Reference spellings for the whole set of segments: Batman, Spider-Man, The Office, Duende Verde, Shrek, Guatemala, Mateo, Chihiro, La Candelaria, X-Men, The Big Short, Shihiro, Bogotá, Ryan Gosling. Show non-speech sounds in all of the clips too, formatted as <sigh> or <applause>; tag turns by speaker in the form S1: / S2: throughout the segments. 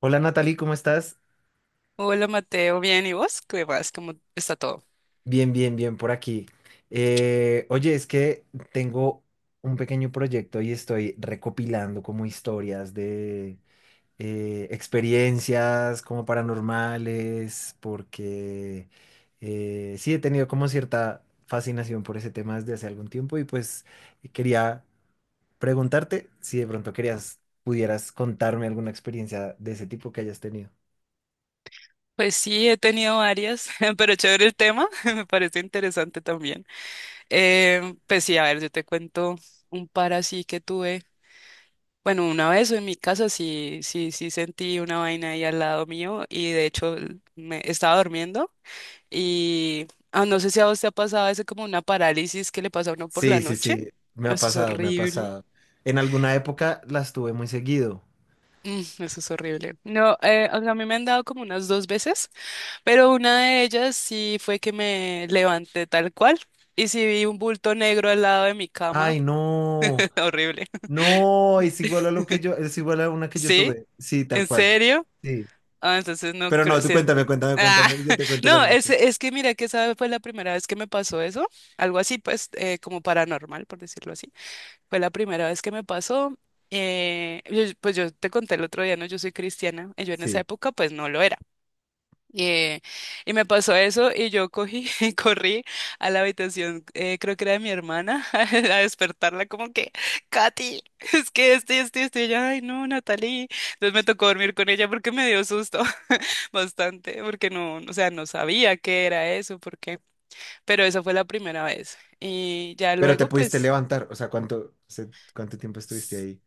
S1: Hola Natalie, ¿cómo estás?
S2: Hola Mateo, bien, ¿y vos? ¿Qué vas? ¿Cómo está todo?
S1: Bien, bien, bien por aquí. Oye, es que tengo un pequeño proyecto y estoy recopilando como historias de experiencias como paranormales, porque sí he tenido como cierta fascinación por ese tema desde hace algún tiempo y pues quería preguntarte si de pronto querías, pudieras contarme alguna experiencia de ese tipo que hayas tenido.
S2: Pues sí, he tenido varias, <laughs> pero chévere el tema, <laughs> me parece interesante también. Pues sí, a ver, yo te cuento un par así que tuve. Bueno, una vez en mi casa sí, sí, sí sentí una vaina ahí al lado mío y de hecho me estaba durmiendo y no sé si a vos te ha pasado ese como una parálisis que le pasa a uno por la
S1: Sí, sí,
S2: noche.
S1: sí, me ha
S2: Eso es
S1: pasado, me ha
S2: horrible.
S1: pasado. En alguna época las tuve muy seguido.
S2: Eso es horrible. No, o sea, a mí me han dado como unas dos veces. Pero una de ellas sí fue que me levanté tal cual. Y sí vi un bulto negro al lado de mi cama.
S1: Ay, no,
S2: <laughs> Horrible.
S1: no, es igual a una que yo
S2: ¿Sí?
S1: tuve. Sí, tal
S2: ¿En
S1: cual.
S2: serio?
S1: Sí.
S2: Ah, entonces no
S1: Pero no,
S2: creo.
S1: tú
S2: Sí,
S1: cuéntame, cuéntame,
S2: ah,
S1: cuéntame, y yo
S2: <laughs>
S1: te cuento la
S2: no,
S1: mía
S2: es,
S1: después.
S2: es que mira que esa fue la primera vez que me pasó eso. Algo así, pues, como paranormal, por decirlo así. Fue la primera vez que me pasó. Pues yo te conté el otro día, ¿no? Yo soy cristiana, y yo en esa
S1: Sí.
S2: época, pues no lo era. Y, eh, y me pasó eso y yo cogí, <laughs> y corrí a la habitación, creo que era de mi hermana, <laughs> a despertarla como que, Katy, <laughs> es que este, y ella, ay no, Natalie. Entonces me tocó dormir con ella porque me dio susto <laughs> bastante, porque no, o sea, no sabía qué era eso, porque, pero esa fue la primera vez. Y ya
S1: Pero te
S2: luego,
S1: pudiste
S2: pues...
S1: levantar, o sea, ¿cuánto tiempo estuviste ahí?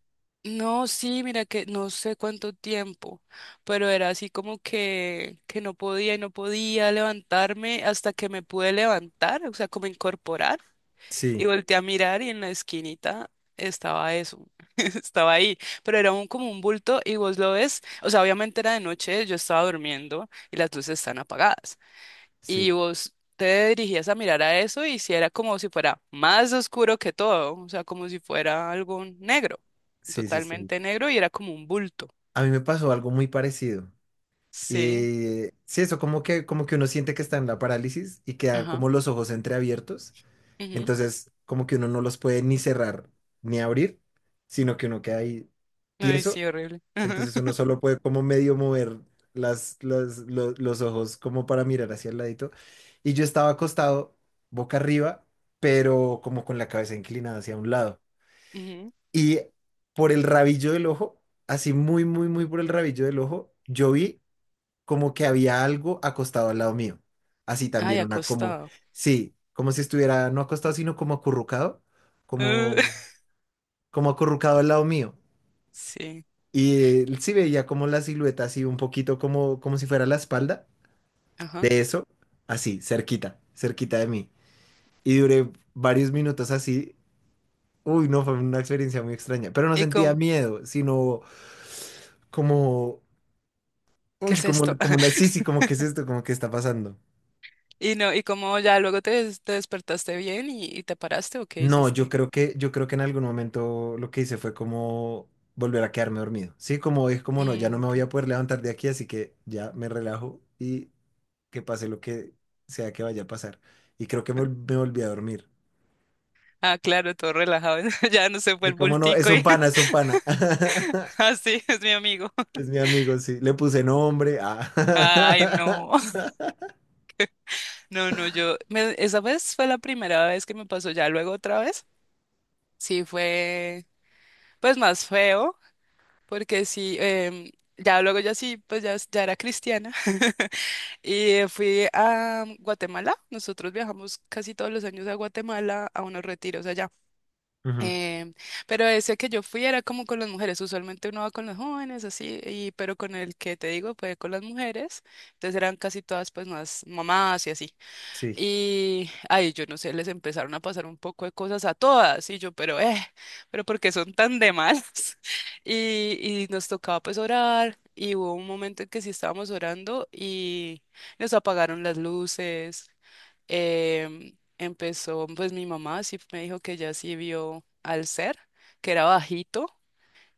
S2: No, sí, mira que no sé cuánto tiempo, pero era así como que no podía y no podía levantarme hasta que me pude levantar, o sea, como incorporar y
S1: Sí,
S2: volteé a mirar y en la esquinita estaba eso, <laughs> estaba ahí, pero era como un bulto y vos lo ves, o sea, obviamente era de noche, yo estaba durmiendo y las luces están apagadas, y
S1: sí,
S2: vos te dirigías a mirar a eso y si era como si fuera más oscuro que todo, o sea, como si fuera algo negro,
S1: sí, sí, sí.
S2: totalmente negro y era como un bulto.
S1: A mí me pasó algo muy parecido.
S2: Sí,
S1: Y sí, eso, como que uno siente que está en la parálisis y quedan como
S2: ajá.
S1: los ojos entreabiertos.
S2: Ujú.
S1: Entonces, como que uno no los puede ni cerrar ni abrir, sino que uno queda ahí
S2: Ay,
S1: tieso.
S2: sí, horrible. Ajá,
S1: Entonces uno solo puede como medio mover los ojos como para mirar hacia el ladito. Y yo estaba acostado boca arriba, pero como con la cabeza inclinada hacia un lado.
S2: ujú.
S1: Y por el rabillo del ojo, así muy, muy, muy por el rabillo del ojo, yo vi como que había algo acostado al lado mío. Así
S2: Ay,
S1: también una como,
S2: acostado.
S1: sí, como si estuviera no acostado, sino como acurrucado,
S2: Uh,
S1: como,
S2: <laughs>
S1: como acurrucado al lado mío.
S2: sí,
S1: Y sí veía como la silueta así un poquito como, como si fuera la espalda
S2: ajá.
S1: de eso, así, cerquita, cerquita de mí. Y duré varios minutos así. Uy, no, fue una experiencia muy extraña, pero no
S2: ¿Y
S1: sentía
S2: cómo?
S1: miedo, sino como,
S2: ¿Qué
S1: uy,
S2: es
S1: como,
S2: esto?
S1: como una, sí,
S2: <laughs>
S1: sí, como, ¿qué es esto? Como, ¿qué está pasando?
S2: Y no, ¿y cómo ya luego te despertaste bien y te paraste o qué
S1: No, yo
S2: hiciste?
S1: creo que, yo creo que en algún momento lo que hice fue como volver a quedarme dormido. Sí, como es como no, ya
S2: Mm,
S1: no me voy
S2: ok.
S1: a poder levantar de aquí, así que ya me relajo y que pase lo que sea que vaya a pasar. Y creo que me volví a dormir.
S2: Ah, claro, todo relajado. <laughs> Ya no se fue
S1: Sí,
S2: el
S1: como no, es
S2: bultico
S1: un
S2: y
S1: pana, es un pana. <laughs>
S2: <laughs> así es mi amigo.
S1: Es mi amigo, sí. Le puse nombre. Ah.
S2: Ay, no. <laughs> No, no, esa vez fue la primera vez que me pasó ya luego otra vez. Sí fue pues más feo porque sí ya luego ya sí pues ya, ya era cristiana <laughs> y fui a Guatemala. Nosotros viajamos casi todos los años a Guatemala a unos retiros allá.
S1: <laughs> Ujú.
S2: Em, pero ese que yo fui era como con las mujeres, usualmente uno va con los jóvenes así, y, pero con el que te digo fue con las mujeres, entonces eran casi todas pues más mamás y así.
S1: Sí,
S2: Y, ay, yo no sé, les empezaron a pasar un poco de cosas a todas, y yo, pero ¿por qué son tan de malas? <laughs> Y nos tocaba pues orar, y hubo un momento en que sí estábamos orando y nos apagaron las luces. Empezó, pues mi mamá sí me dijo que ya sí vio al ser, que era bajito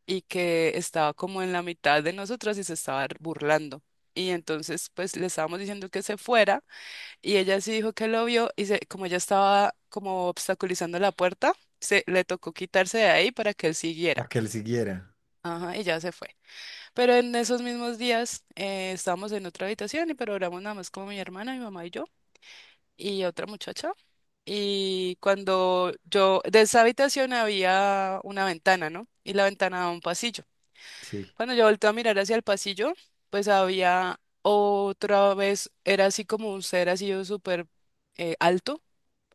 S2: y que estaba como en la mitad de nosotras y se estaba burlando. Y entonces, pues le estábamos diciendo que se fuera. Y ella sí dijo que lo vio como ella estaba como obstaculizando la puerta, se le tocó quitarse de ahí para que él
S1: para
S2: siguiera.
S1: que él siguiera.
S2: Ajá, y ya se fue. Pero en esos mismos días estábamos en otra habitación y pero programamos nada más como mi hermana, mi mamá y yo y otra muchacha. Y de esa habitación había una ventana, ¿no? Y la ventana daba a un pasillo.
S1: Sí.
S2: Cuando yo volteé a mirar hacia el pasillo, pues había otra vez, era así como un ser así súper alto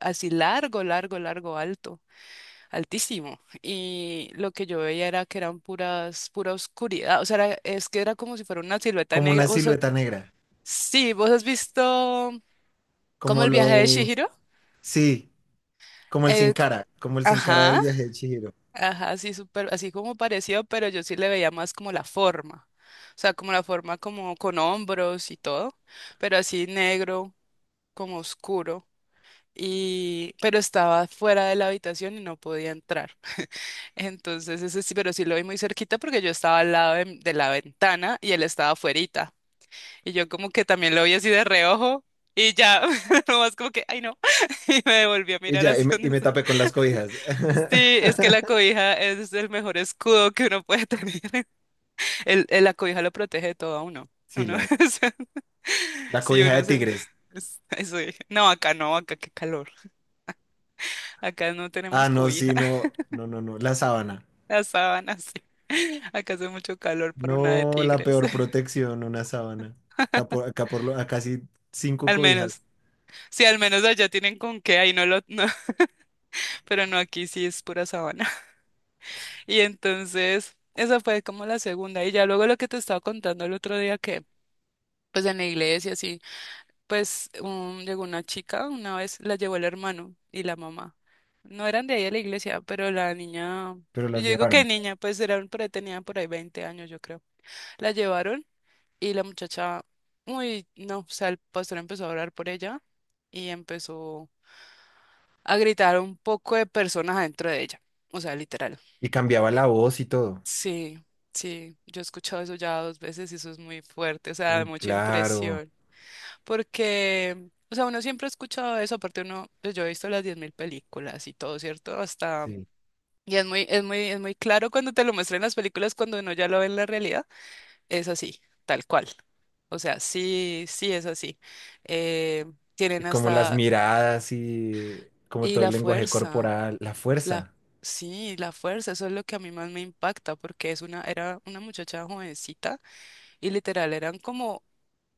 S2: así largo, largo, largo, alto, altísimo. Y lo que yo veía era que eran pura oscuridad. O sea, es que era como si fuera una silueta
S1: Como
S2: negra.
S1: una
S2: ¿Vos,
S1: silueta negra.
S2: sí, vos has visto como
S1: Como
S2: el viaje de
S1: lo.
S2: Shihiro?
S1: Sí, como el sin
S2: Eh, c-
S1: cara. Como el sin cara del
S2: ajá,
S1: viaje de Chihiro.
S2: ajá, así súper, así como parecido, pero yo sí le veía más como la forma. O sea, como la forma como con hombros y todo, pero así negro, como oscuro. Y, pero estaba fuera de la habitación y no podía entrar. Entonces, ese sí, pero sí lo vi muy cerquita porque yo estaba al lado de la ventana y él estaba afuerita. Y yo como que también lo vi así de reojo y ya, <laughs> nomás como que, ay no, <laughs> y me volví a
S1: Y
S2: mirar
S1: ya,
S2: así
S1: y
S2: donde
S1: me
S2: se-
S1: tapé con las cobijas.
S2: Sí,
S1: <laughs>
S2: es que la cobija es el mejor escudo que uno puede tener. <laughs> La cobija lo protege de todo a uno.
S1: Sí,
S2: Uno,
S1: la,
S2: <laughs> o sea,
S1: la
S2: sí,
S1: cobija de tigres.
S2: Eso dije. No, acá no, acá qué calor. Acá no
S1: Ah,
S2: tenemos
S1: no,
S2: cobija,
S1: sí, no, no, no, no, la sábana.
S2: <laughs> las sábanas, sí. Acá hace mucho calor para una de
S1: No, la
S2: tigres.
S1: peor protección, una sábana. Acá, por, acá, por lo- acá sí cinco
S2: Al
S1: cobijas,
S2: menos, sí, al menos allá tienen con qué, ahí no lo, no, <laughs> pero no aquí sí es pura sabana. <laughs> Y entonces, esa fue como la segunda. Y ya luego lo que te estaba contando el otro día que, pues en la iglesia, así pues llegó una chica, una vez la llevó el hermano y la mamá. No eran de ahí a la iglesia, pero la niña,
S1: pero
S2: yo
S1: las
S2: digo que
S1: llevaron.
S2: niña, pues era, por ahí tenía por ahí 20 años, yo creo. La llevaron y la muchacha, uy, no, o sea, el pastor empezó a orar por ella y empezó a gritar un poco de personas adentro de ella. O sea, literal.
S1: Y cambiaba la voz y todo.
S2: Sí, sí, yo he escuchado eso ya 2 veces y eso es muy fuerte, o sea, da
S1: Uy,
S2: mucha
S1: claro,
S2: impresión. Porque, o sea, uno siempre ha escuchado eso, aparte uno, pues yo he visto las 10.000 películas y todo, ¿cierto? Hasta...
S1: sí.
S2: Y es muy, es muy, es muy claro cuando te lo muestran en las películas, cuando uno ya lo ve en la realidad, es así, tal cual. O sea, sí, sí es así. Eh,
S1: Y
S2: Tienen
S1: como las
S2: hasta...
S1: miradas y como
S2: Y
S1: todo el
S2: la
S1: lenguaje
S2: fuerza.
S1: corporal, la
S2: La,
S1: fuerza.
S2: sí, la fuerza, eso es lo que a mí más me impacta, porque era una muchacha jovencita y literal eran como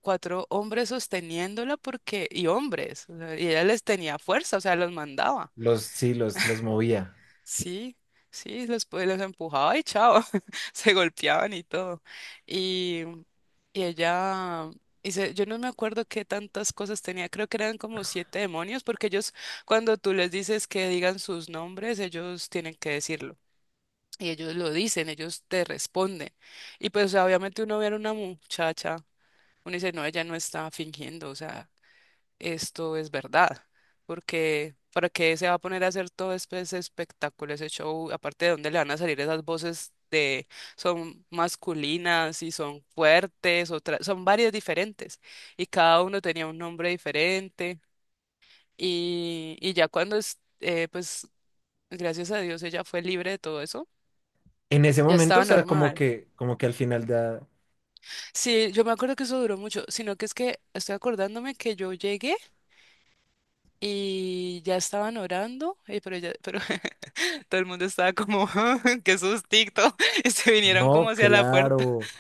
S2: cuatro hombres sosteniéndola porque, y hombres, o sea, y ella les tenía fuerza, o sea, los mandaba.
S1: Los, sí, los movía.
S2: Sí, sí, los empujaba y chao, <laughs> se golpeaban y todo. Y, y ella, yo no me acuerdo qué tantas cosas tenía, creo que eran como siete demonios, porque ellos, cuando tú les dices que digan sus nombres, ellos tienen que decirlo. Y ellos lo dicen, ellos te responden. Y pues, o sea, obviamente uno ve a una muchacha, uno dice, no, ella no está fingiendo, o sea, esto es verdad. Porque, ¿para qué se va a poner a hacer todo ese espectáculo, ese show? Aparte de dónde le van a salir esas voces de, son masculinas y son fuertes, otras, son varias diferentes. Y cada uno tenía un nombre diferente. Y ya gracias a Dios, ella fue libre de todo eso,
S1: En ese
S2: ya
S1: momento, o
S2: estaba
S1: sea,
S2: normal.
S1: como que al final da.
S2: Sí, yo me acuerdo que eso duró mucho, sino que es que estoy acordándome que yo llegué y ya estaban orando, pero, ya, pero <laughs> todo el mundo estaba como, <laughs> "Ah, qué sustito, <laughs> y se vinieron
S1: No,
S2: como hacia la puerta.
S1: claro.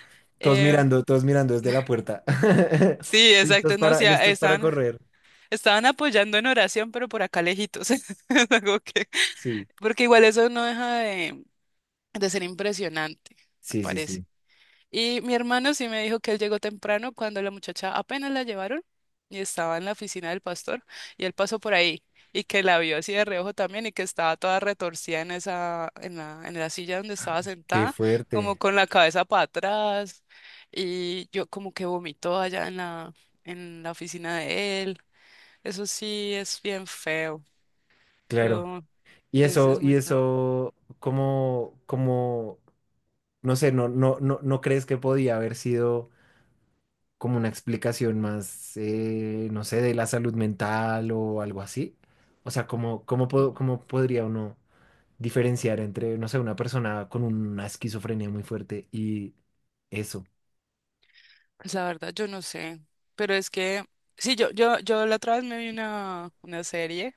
S2: Em,
S1: Todos mirando desde la puerta. <laughs>
S2: sí,
S1: Listos
S2: exacto, no, o
S1: para,
S2: sea,
S1: listos para
S2: estaban,
S1: correr.
S2: estaban apoyando en oración, pero por acá lejitos, <laughs> es algo que,
S1: Sí,
S2: porque igual eso no deja de ser impresionante, me
S1: sí, sí,
S2: parece.
S1: sí.
S2: Y mi hermano sí me dijo que él llegó temprano cuando la muchacha apenas la llevaron y estaba en la oficina del pastor y él pasó por ahí y que la vio así de reojo también y que estaba toda retorcida en la silla donde estaba
S1: Qué
S2: sentada, como
S1: fuerte.
S2: con la cabeza para atrás y yo como que vomitó allá en la oficina de él. Eso sí es bien feo.
S1: Claro.
S2: Yo, es, es
S1: Y
S2: muy fuerte.
S1: eso, como, como, no sé, no, no, no, ¿no crees que podía haber sido como una explicación más, no sé, de la salud mental o algo así? O sea, ¿cómo, cómo, po- cómo podría uno diferenciar entre, no sé, una persona con una esquizofrenia muy fuerte y eso?
S2: Pues la verdad, yo no sé, pero es que, sí, yo la otra vez me vi una serie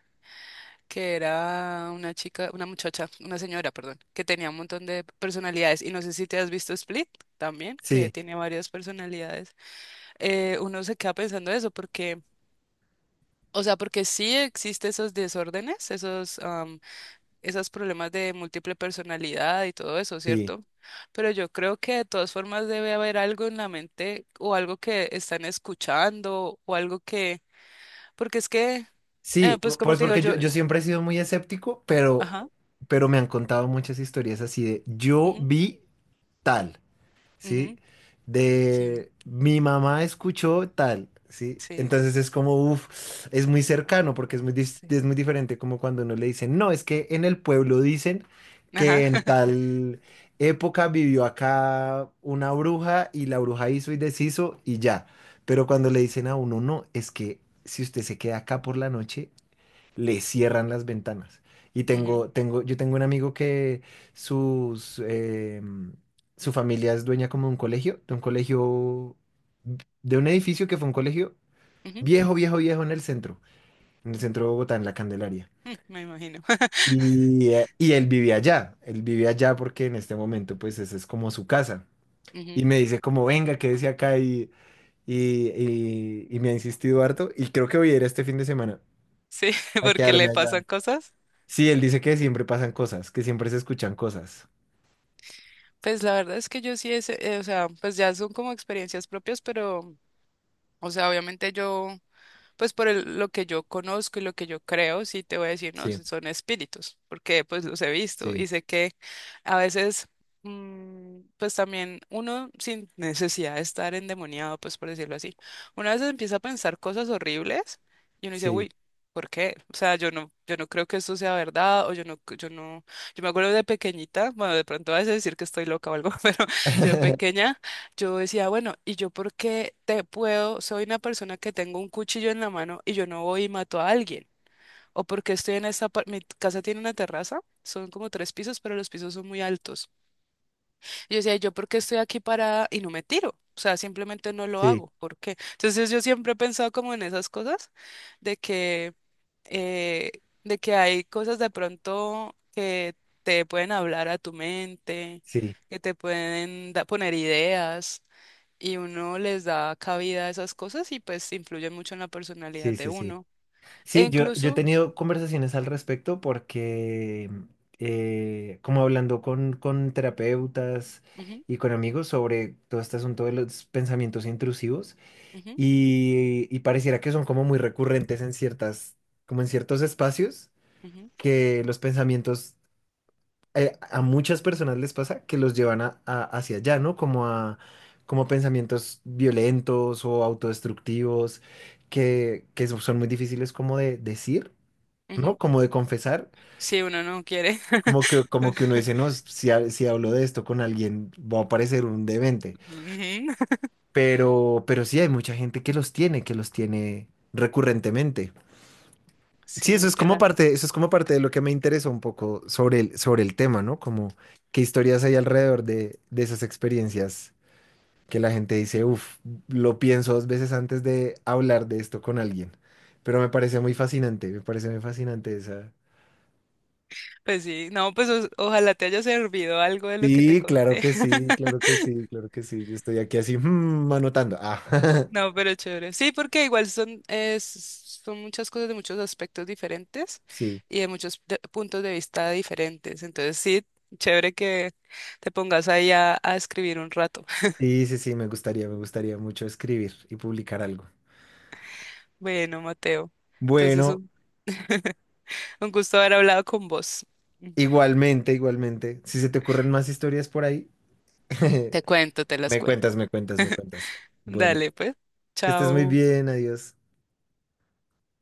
S2: que era una chica, una muchacha, una señora, perdón, que tenía un montón de personalidades y no sé si te has visto Split también, que
S1: Sí,
S2: tiene varias personalidades. Uno se queda pensando eso porque, o sea, porque sí existe esos desórdenes, esos problemas de múltiple personalidad y todo eso,
S1: sí,
S2: ¿cierto? Pero yo creo que de todas formas debe haber algo en la mente o algo que están escuchando o algo que, porque es que,
S1: sí,
S2: pues como
S1: pues
S2: te digo
S1: porque yo,
S2: yo,
S1: yo siempre he sido muy escéptico,
S2: ajá,
S1: pero me han contado muchas historias así de yo
S2: ujú,
S1: vi tal. ¿Sí?
S2: ujú, sí,
S1: De mi mamá escuchó tal, ¿sí?
S2: sí,
S1: Entonces es como, uff, es muy cercano porque es muy, dis-
S2: sí,
S1: es muy diferente como cuando uno le dicen, no, es que en el pueblo dicen que
S2: ajá,
S1: en
S2: <laughs>
S1: tal época vivió acá una bruja y la bruja hizo y deshizo y ya. Pero cuando le dicen a uno, no, es que si usted se queda acá por la noche, le cierran las ventanas. Y
S2: ujú,
S1: yo tengo un amigo que sus, em, su familia es dueña como de un colegio, de un edificio que fue un colegio
S2: ujú,
S1: viejo, viejo, viejo en el centro de Bogotá, en La Candelaria.
S2: mm, me imagino,
S1: Y él vivía allá porque en este momento pues esa es como su casa. Y
S2: ujú,
S1: me dice como, venga, quédese acá y, y me ha insistido harto y creo que voy a ir este fin de semana
S2: sí, <laughs>
S1: a
S2: porque
S1: quedarme
S2: le
S1: allá.
S2: pasan cosas.
S1: Sí, él dice que siempre pasan cosas, que siempre se escuchan cosas.
S2: Pues la verdad es que yo sí, o sea, pues ya son como experiencias propias, pero, o sea, obviamente yo... pues lo que yo conozco y lo que yo creo, sí te voy a decir, no,
S1: Sí,
S2: sí son espíritus, porque pues los he visto
S1: sí,
S2: y sé que a veces, pues también uno sin necesidad de estar endemoniado, pues por decirlo así, una vez empieza a pensar cosas horribles y uno dice,
S1: sí.
S2: uy. ¿Por qué? O sea, yo no, yo no creo que esto sea verdad, o yo no, yo no, yo me acuerdo de pequeñita, bueno, de pronto vas a decir que estoy loca o algo, <laughs> pero yo de
S1: <laughs>
S2: pequeña yo decía, bueno, ¿y yo por qué te puedo? Soy una persona que tengo un cuchillo en la mano y yo no voy y mato a alguien. O porque estoy mi casa tiene una terraza, son como tres pisos, pero los pisos son muy altos. Y yo decía, ¿yo por qué estoy aquí parada y no me tiro? O sea, simplemente no lo
S1: Sí,
S2: hago. ¿Por qué? Entonces yo siempre he pensado como en esas cosas, de que, eh, de que hay cosas de pronto que te pueden hablar a tu mente,
S1: sí,
S2: que te pueden poner ideas y uno les da cabida a esas cosas y pues influyen mucho en la personalidad
S1: sí,
S2: de
S1: sí, sí.
S2: uno. E
S1: Sí, yo he
S2: incluso,
S1: tenido conversaciones al respecto porque, como hablando con terapeutas
S2: ujú,
S1: y con amigos sobre todo este asunto de los pensamientos intrusivos
S2: ujú,
S1: y pareciera que son como muy recurrentes en ciertas, como en ciertos espacios,
S2: ujú,
S1: que los pensamientos a muchas personas les pasa que los llevan hacia allá, ¿no? Como a, como a pensamientos violentos o autodestructivos son muy difíciles como de decir, ¿no?
S2: ujú,
S1: Como de confesar,
S2: si uno no quiere.
S1: como que uno
S2: <laughs>
S1: dice, no, si hablo de esto con alguien, va a parecer un demente.
S2: Ujú.
S1: Pero sí hay mucha gente que los tiene recurrentemente.
S2: Sí,
S1: Sí, eso
S2: es
S1: es
S2: que
S1: como
S2: la...
S1: parte, eso es como parte de lo que me interesa un poco sobre el tema, ¿no? Como qué historias hay alrededor de esas experiencias que la gente dice, uff, lo pienso dos veces antes de hablar de esto con alguien. Pero me parece muy fascinante, me parece muy fascinante esa.
S2: Pues sí, no, pues ojalá te haya servido algo de lo que te
S1: Sí, claro
S2: conté.
S1: que sí, claro
S2: <laughs>
S1: que sí, claro que sí. Yo estoy aquí así, anotando. Ah,
S2: No, pero chévere. Sí, porque igual son, son muchas cosas de muchos aspectos diferentes
S1: <laughs> sí,
S2: y de muchos puntos de vista diferentes. Entonces, sí, chévere que te pongas ahí a escribir un rato.
S1: sí, sí, sí, me gustaría mucho escribir y publicar algo.
S2: Bueno, Mateo. Entonces,
S1: Bueno,
S2: un, <laughs> un gusto haber hablado con vos.
S1: igualmente, igualmente. Si se te ocurren más historias por ahí. <laughs>
S2: Te cuento, te las
S1: Me
S2: cuento.
S1: cuentas, me cuentas, me cuentas. Bueno,
S2: Dale, pues.
S1: que estés muy
S2: Chao.
S1: bien, adiós.